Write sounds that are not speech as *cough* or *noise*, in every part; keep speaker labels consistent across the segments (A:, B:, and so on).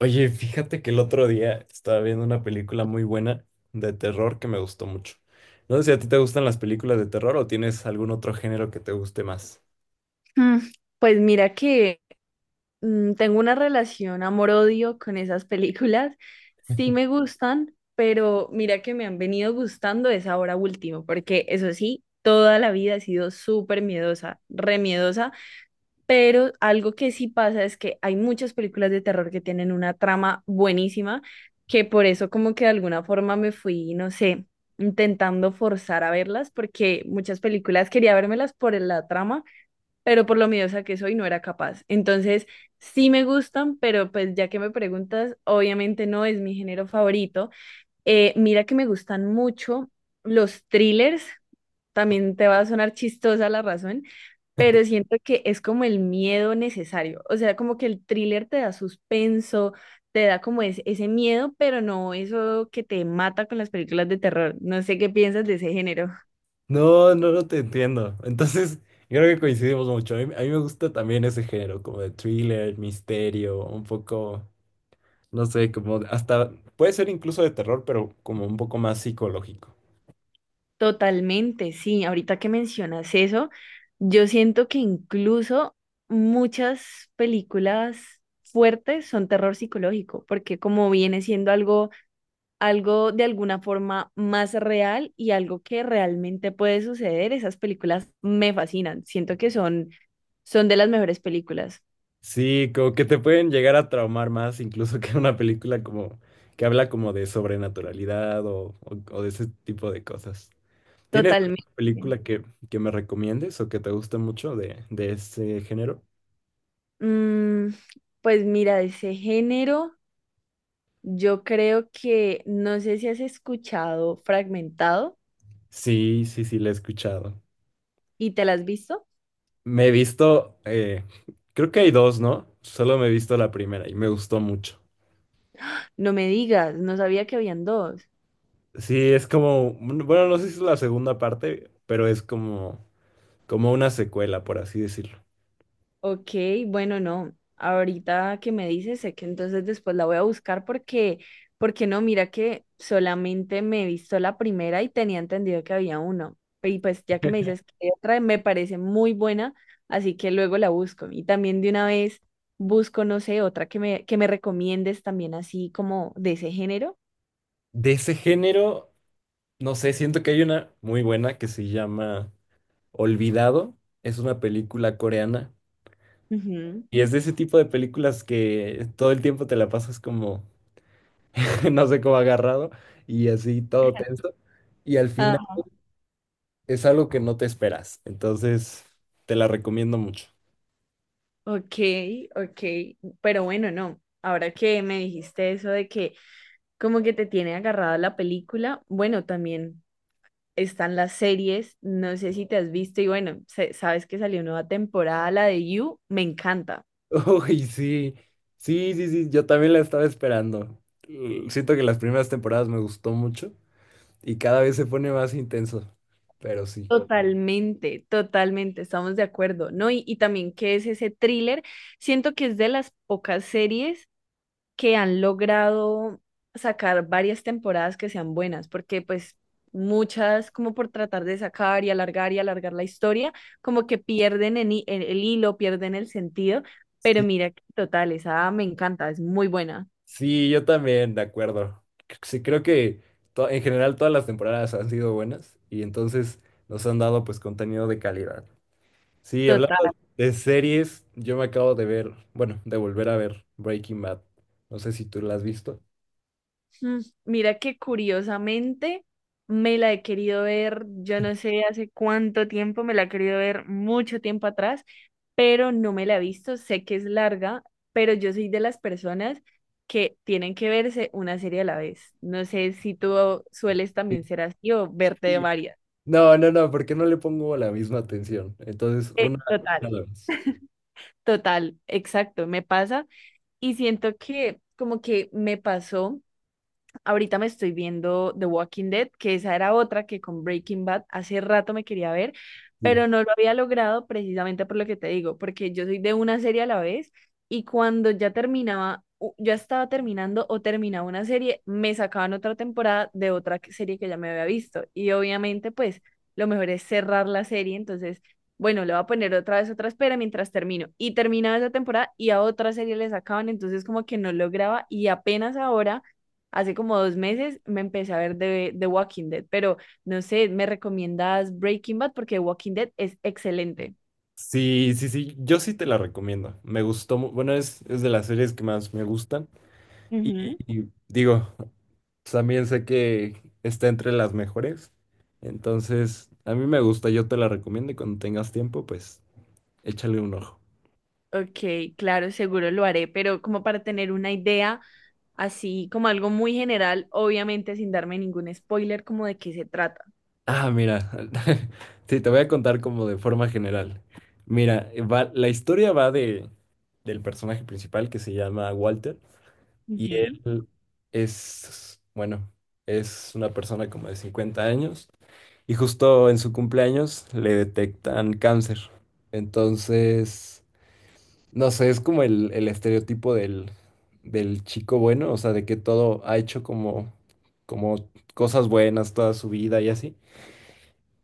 A: Oye, fíjate que el otro día estaba viendo una película muy buena de terror que me gustó mucho. No sé si a ti te gustan las películas de terror o tienes algún otro género que te guste más.
B: Mm, Pues mira que tengo una relación amor-odio con esas películas. Sí me gustan, pero mira que me han venido gustando es ahora último, porque eso sí, toda la vida he sido súper miedosa, re miedosa, pero algo que sí pasa es que hay muchas películas de terror que tienen una trama buenísima, que por eso como que de alguna forma me fui, no sé, intentando forzar a verlas, porque muchas películas quería vérmelas por la trama pero por lo miedosa que soy no era capaz. Entonces, sí me gustan, pero pues ya que me preguntas, obviamente no es mi género favorito. Mira que me gustan mucho los thrillers, también te va a sonar chistosa la razón, pero siento que es como el miedo necesario, o sea, como que el thriller te da suspenso. Te da como ese miedo, pero no eso que te mata con las películas de terror. No sé qué piensas de ese género.
A: No, no, no te entiendo. Entonces, *laughs* creo que coincidimos mucho. A mí me gusta también ese género, como de thriller, misterio, un poco, no sé, como hasta, puede ser incluso de terror, pero como un poco más psicológico.
B: Totalmente, sí. Ahorita que mencionas eso, yo siento que incluso muchas películas fuertes son terror psicológico, porque como viene siendo algo, algo de alguna forma más real y algo que realmente puede suceder, esas películas me fascinan. Siento que son, son de las mejores películas.
A: Sí, como que te pueden llegar a traumar más incluso que una película como que habla como de sobrenaturalidad o, o de ese tipo de cosas. ¿Tienes alguna
B: Totalmente.
A: película que me recomiendes o que te guste mucho de ese género?
B: Mm, pues mira, de ese género, yo creo que, no sé si has escuchado Fragmentado.
A: Sí, sí, sí, la he escuchado.
B: ¿Y te la has visto?
A: Me he visto, creo que hay dos, ¿no? Solo me he visto la primera y me gustó mucho.
B: No me digas, no sabía que habían dos.
A: Sí, es como, bueno, no sé si es la segunda parte, pero es como, como una secuela, por así decirlo.
B: Ok, bueno, no. Ahorita que me dices, sé que entonces después la voy a buscar porque, porque no, mira que solamente me he visto la primera y tenía entendido que había uno. Y pues ya que me dices que hay otra, me parece muy buena, así que luego la busco. Y también de una vez busco, no sé, otra que me recomiendes también así como de ese género.
A: De ese género. No sé, siento que hay una muy buena que se llama Olvidado. Es una película coreana.
B: Ujú.
A: Y es de ese tipo de películas que todo el tiempo te la pasas como, *laughs* no sé cómo agarrado y así todo tenso. Y al final es algo que no te esperas. Entonces, te la recomiendo mucho.
B: Ok, ok, pero bueno, no. Ahora que me dijiste eso de que como que te tiene agarrada la película, bueno, también están las series, no sé si te has visto y bueno, sabes que salió nueva temporada, la de You, me encanta.
A: *laughs* Uy, sí, sí, sí, sí, yo también la estaba esperando. Siento que las primeras temporadas me gustó mucho y cada vez se pone más intenso. Pero sí.
B: Totalmente, totalmente, estamos de acuerdo, ¿no? Y también que es ese thriller, siento que es de las pocas series que han logrado sacar varias temporadas que sean buenas, porque pues muchas como por tratar de sacar y alargar la historia, como que pierden en el hilo, pierden el sentido, pero mira, total, esa me encanta, es muy buena.
A: Sí, yo también, de acuerdo. Sí, creo que en general todas las temporadas han sido buenas y entonces nos han dado pues contenido de calidad. Sí, hablando de series, yo me acabo de ver, bueno, de volver a ver Breaking Bad. No sé si tú la has visto.
B: Mira que curiosamente me la he querido ver, yo no sé hace cuánto tiempo, me la he querido ver mucho tiempo atrás, pero no me la he visto, sé que es larga, pero yo soy de las personas que tienen que verse una serie a la vez. No sé si tú sueles también ser así o verte de
A: Sí.
B: varias.
A: No, no, no, porque no le pongo la misma atención. Entonces, una,
B: Total,
A: a la vez.
B: total, exacto, me pasa y siento que como que me pasó. Ahorita me estoy viendo The Walking Dead, que esa era otra que con Breaking Bad hace rato me quería ver,
A: Sí.
B: pero no lo había logrado precisamente por lo que te digo, porque yo soy de una serie a la vez y cuando ya terminaba, ya estaba terminando o terminaba una serie, me sacaban otra temporada de serie que ya me había visto. Y obviamente, pues lo mejor es cerrar la serie, entonces, bueno, le voy a poner otra vez otra espera mientras termino. Y terminaba esa temporada y a otra serie le sacaban, entonces como que no lograba y apenas ahora hace como dos meses me empecé a ver de The Walking Dead, pero no sé, ¿me recomiendas Breaking Bad? Porque The Walking Dead es excelente.
A: Sí, sí, sí, yo sí te la recomiendo. Me gustó, bueno, es de las series que más me gustan. Y,
B: Ujú.
A: y digo, también sé que está entre las mejores. Entonces, a mí me gusta, yo te la recomiendo y cuando tengas tiempo, pues échale un ojo.
B: Ok, claro, seguro lo haré, pero como para tener una idea, así como algo muy general, obviamente sin darme ningún spoiler, como de qué se trata.
A: Ah, mira, *laughs* sí, te voy a contar como de forma general. Mira, va, la historia va de, del personaje principal que se llama Walter y
B: Ujú.
A: él es, bueno, es una persona como de 50 años y justo en su cumpleaños le detectan cáncer. Entonces… No sé, es como el estereotipo del, del chico bueno, o sea, de que todo ha hecho como, como cosas buenas toda su vida y así.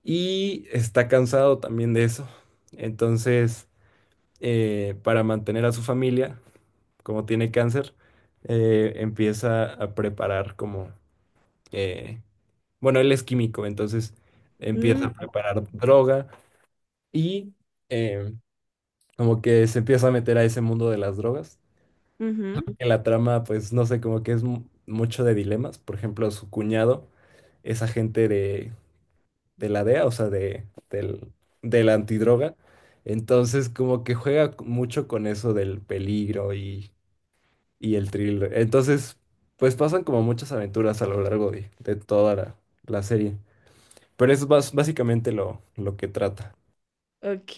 A: Y está cansado también de eso. Entonces, para mantener a su familia, como tiene cáncer, empieza a preparar como, eh, bueno, él es químico, entonces empieza a
B: Ok.
A: preparar droga y eh, como que se empieza a meter a ese mundo de las drogas.
B: Ujú.
A: En la trama, pues no sé, como que es mucho de dilemas. Por ejemplo, su cuñado es agente de la DEA, o sea, de, del, de la antidroga. Entonces, como que juega mucho con eso del peligro y el thriller. Entonces, pues pasan como muchas aventuras a lo largo de toda la, la serie. Pero eso es básicamente lo que trata.
B: Ok,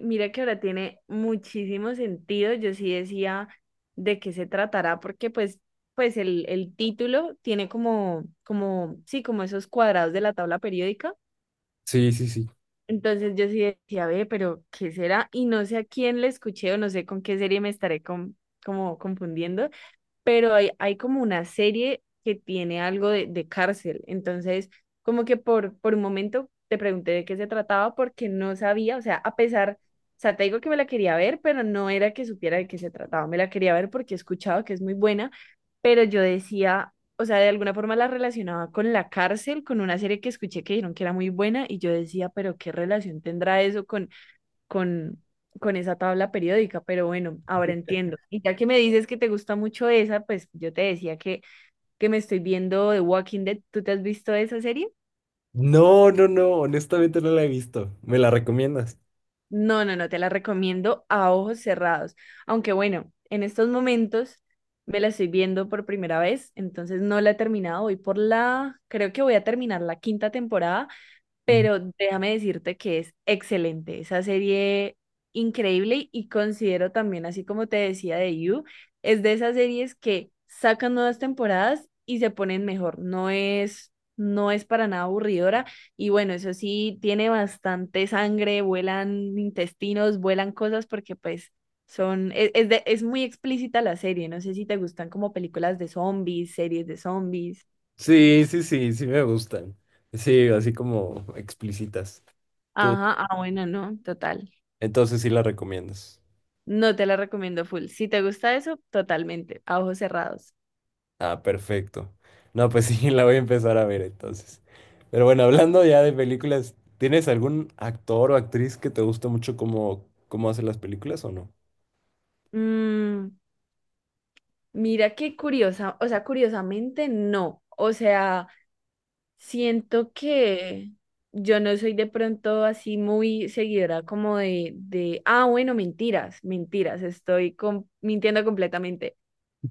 B: mira que ahora tiene muchísimo sentido. Yo sí decía de qué se tratará, porque pues, pues el título tiene como, como, sí, como esos cuadrados de la tabla periódica.
A: Sí, sí, sí.
B: Entonces yo sí decía, ve, pero ¿qué será? Y no sé a quién le escuché o no sé con qué serie me estaré como confundiendo, pero hay como una serie que tiene algo de cárcel. Entonces, como que por un momento te pregunté de qué se trataba porque no sabía, o sea, a pesar, o sea, te digo que me la quería ver, pero no era que supiera de qué se trataba, me la quería ver porque he escuchado que es muy buena, pero yo decía, o sea, de alguna forma la relacionaba con la cárcel, con una serie que escuché que dijeron que era muy buena y yo decía, pero ¿qué relación tendrá eso con con, con esa tabla periódica, pero bueno, ahora entiendo. Y ya que me dices que te gusta mucho esa, pues yo te decía que me estoy viendo The Walking Dead. ¿Tú te has visto esa serie?
A: No, no, no, honestamente no la he visto. ¿Me la recomiendas?
B: No, no, no, te la recomiendo a ojos cerrados. Aunque bueno, en estos momentos me la estoy viendo por primera vez, entonces no la he terminado. Voy por la, creo que voy a terminar la quinta temporada pero déjame decirte que es excelente, esa serie increíble y considero también, así como te decía de You, es de esas series que sacan nuevas temporadas y se ponen mejor, no es, no es para nada aburridora y bueno, eso sí, tiene bastante sangre, vuelan intestinos, vuelan cosas porque pues... Son, es, es muy explícita la serie, no sé si te gustan como películas de zombies, series de zombies.
A: Sí, sí, sí, sí me gustan. Sí, así como explícitas. Tú,
B: Ajá, ah, bueno, no, total.
A: entonces sí la recomiendas.
B: No te la recomiendo full. Si te gusta eso, totalmente, a ojos cerrados.
A: Ah, perfecto. No, pues sí, *laughs* la voy a empezar a ver entonces. Pero bueno, hablando ya de películas, ¿tienes algún actor o actriz que te guste mucho cómo, cómo hace las películas o no?
B: Mm, mira qué curiosa, o sea, curiosamente no. O sea, siento que yo no soy de pronto así muy seguidora como ah, bueno, mentiras, mentiras, estoy mintiendo completamente.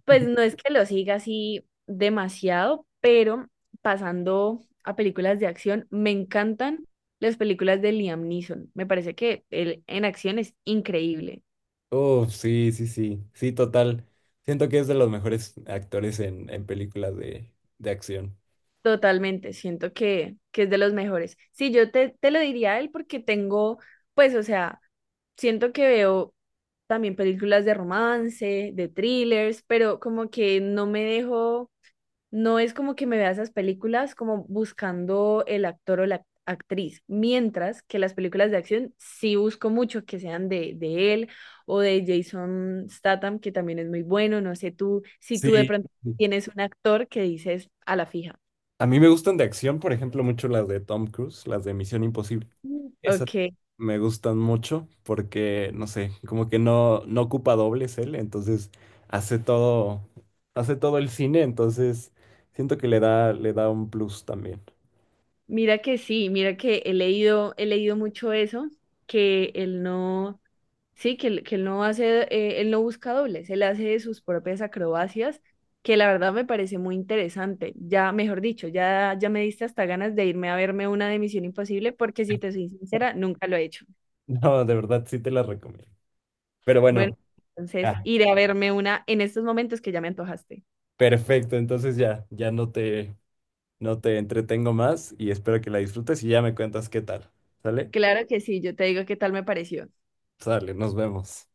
B: Pues no es que lo siga así demasiado, pero pasando a películas de acción, me encantan las películas de Liam Neeson. Me parece que él en acción es increíble.
A: Oh, sí, sí, sí. Sí, total. Siento que es de los mejores actores en películas de acción.
B: Totalmente, siento que es de los mejores. Sí, yo te lo diría a él porque tengo, pues, o sea, siento que veo también películas de romance, de thrillers, pero como que no me dejo No es como que me vea esas películas como buscando el actor o la actriz, mientras que las películas de acción sí busco mucho que sean de él o de Jason Statham, que también es muy bueno. No sé tú si tú de
A: Sí.
B: pronto tienes un actor que dices a la fija.
A: A mí me gustan de acción, por ejemplo, mucho las de Tom Cruise, las de Misión Imposible.
B: Mm.
A: Esas
B: Ok,
A: me gustan mucho porque, no sé, como que no, no ocupa dobles él, entonces hace todo, hace todo el cine, entonces siento que le da un plus también. *laughs*
B: mira que sí, mira que he leído mucho eso, que él no Sí, que él no hace, él no busca dobles, él hace sus propias acrobacias, que la verdad me parece muy interesante. Ya, mejor dicho, ya, ya me diste hasta ganas de irme a verme una de Misión Imposible, porque si te soy sincera, nunca lo he hecho.
A: No, de verdad sí te las recomiendo. Pero
B: Bueno,
A: bueno,
B: entonces
A: ya,
B: iré a verme una en estos momentos que ya me antojaste.
A: perfecto, entonces ya, ya no te, no te entretengo más y espero que la disfrutes y ya me cuentas qué tal. ¿Sale?
B: Claro que sí, yo te digo qué tal me pareció.
A: Sale, nos vemos.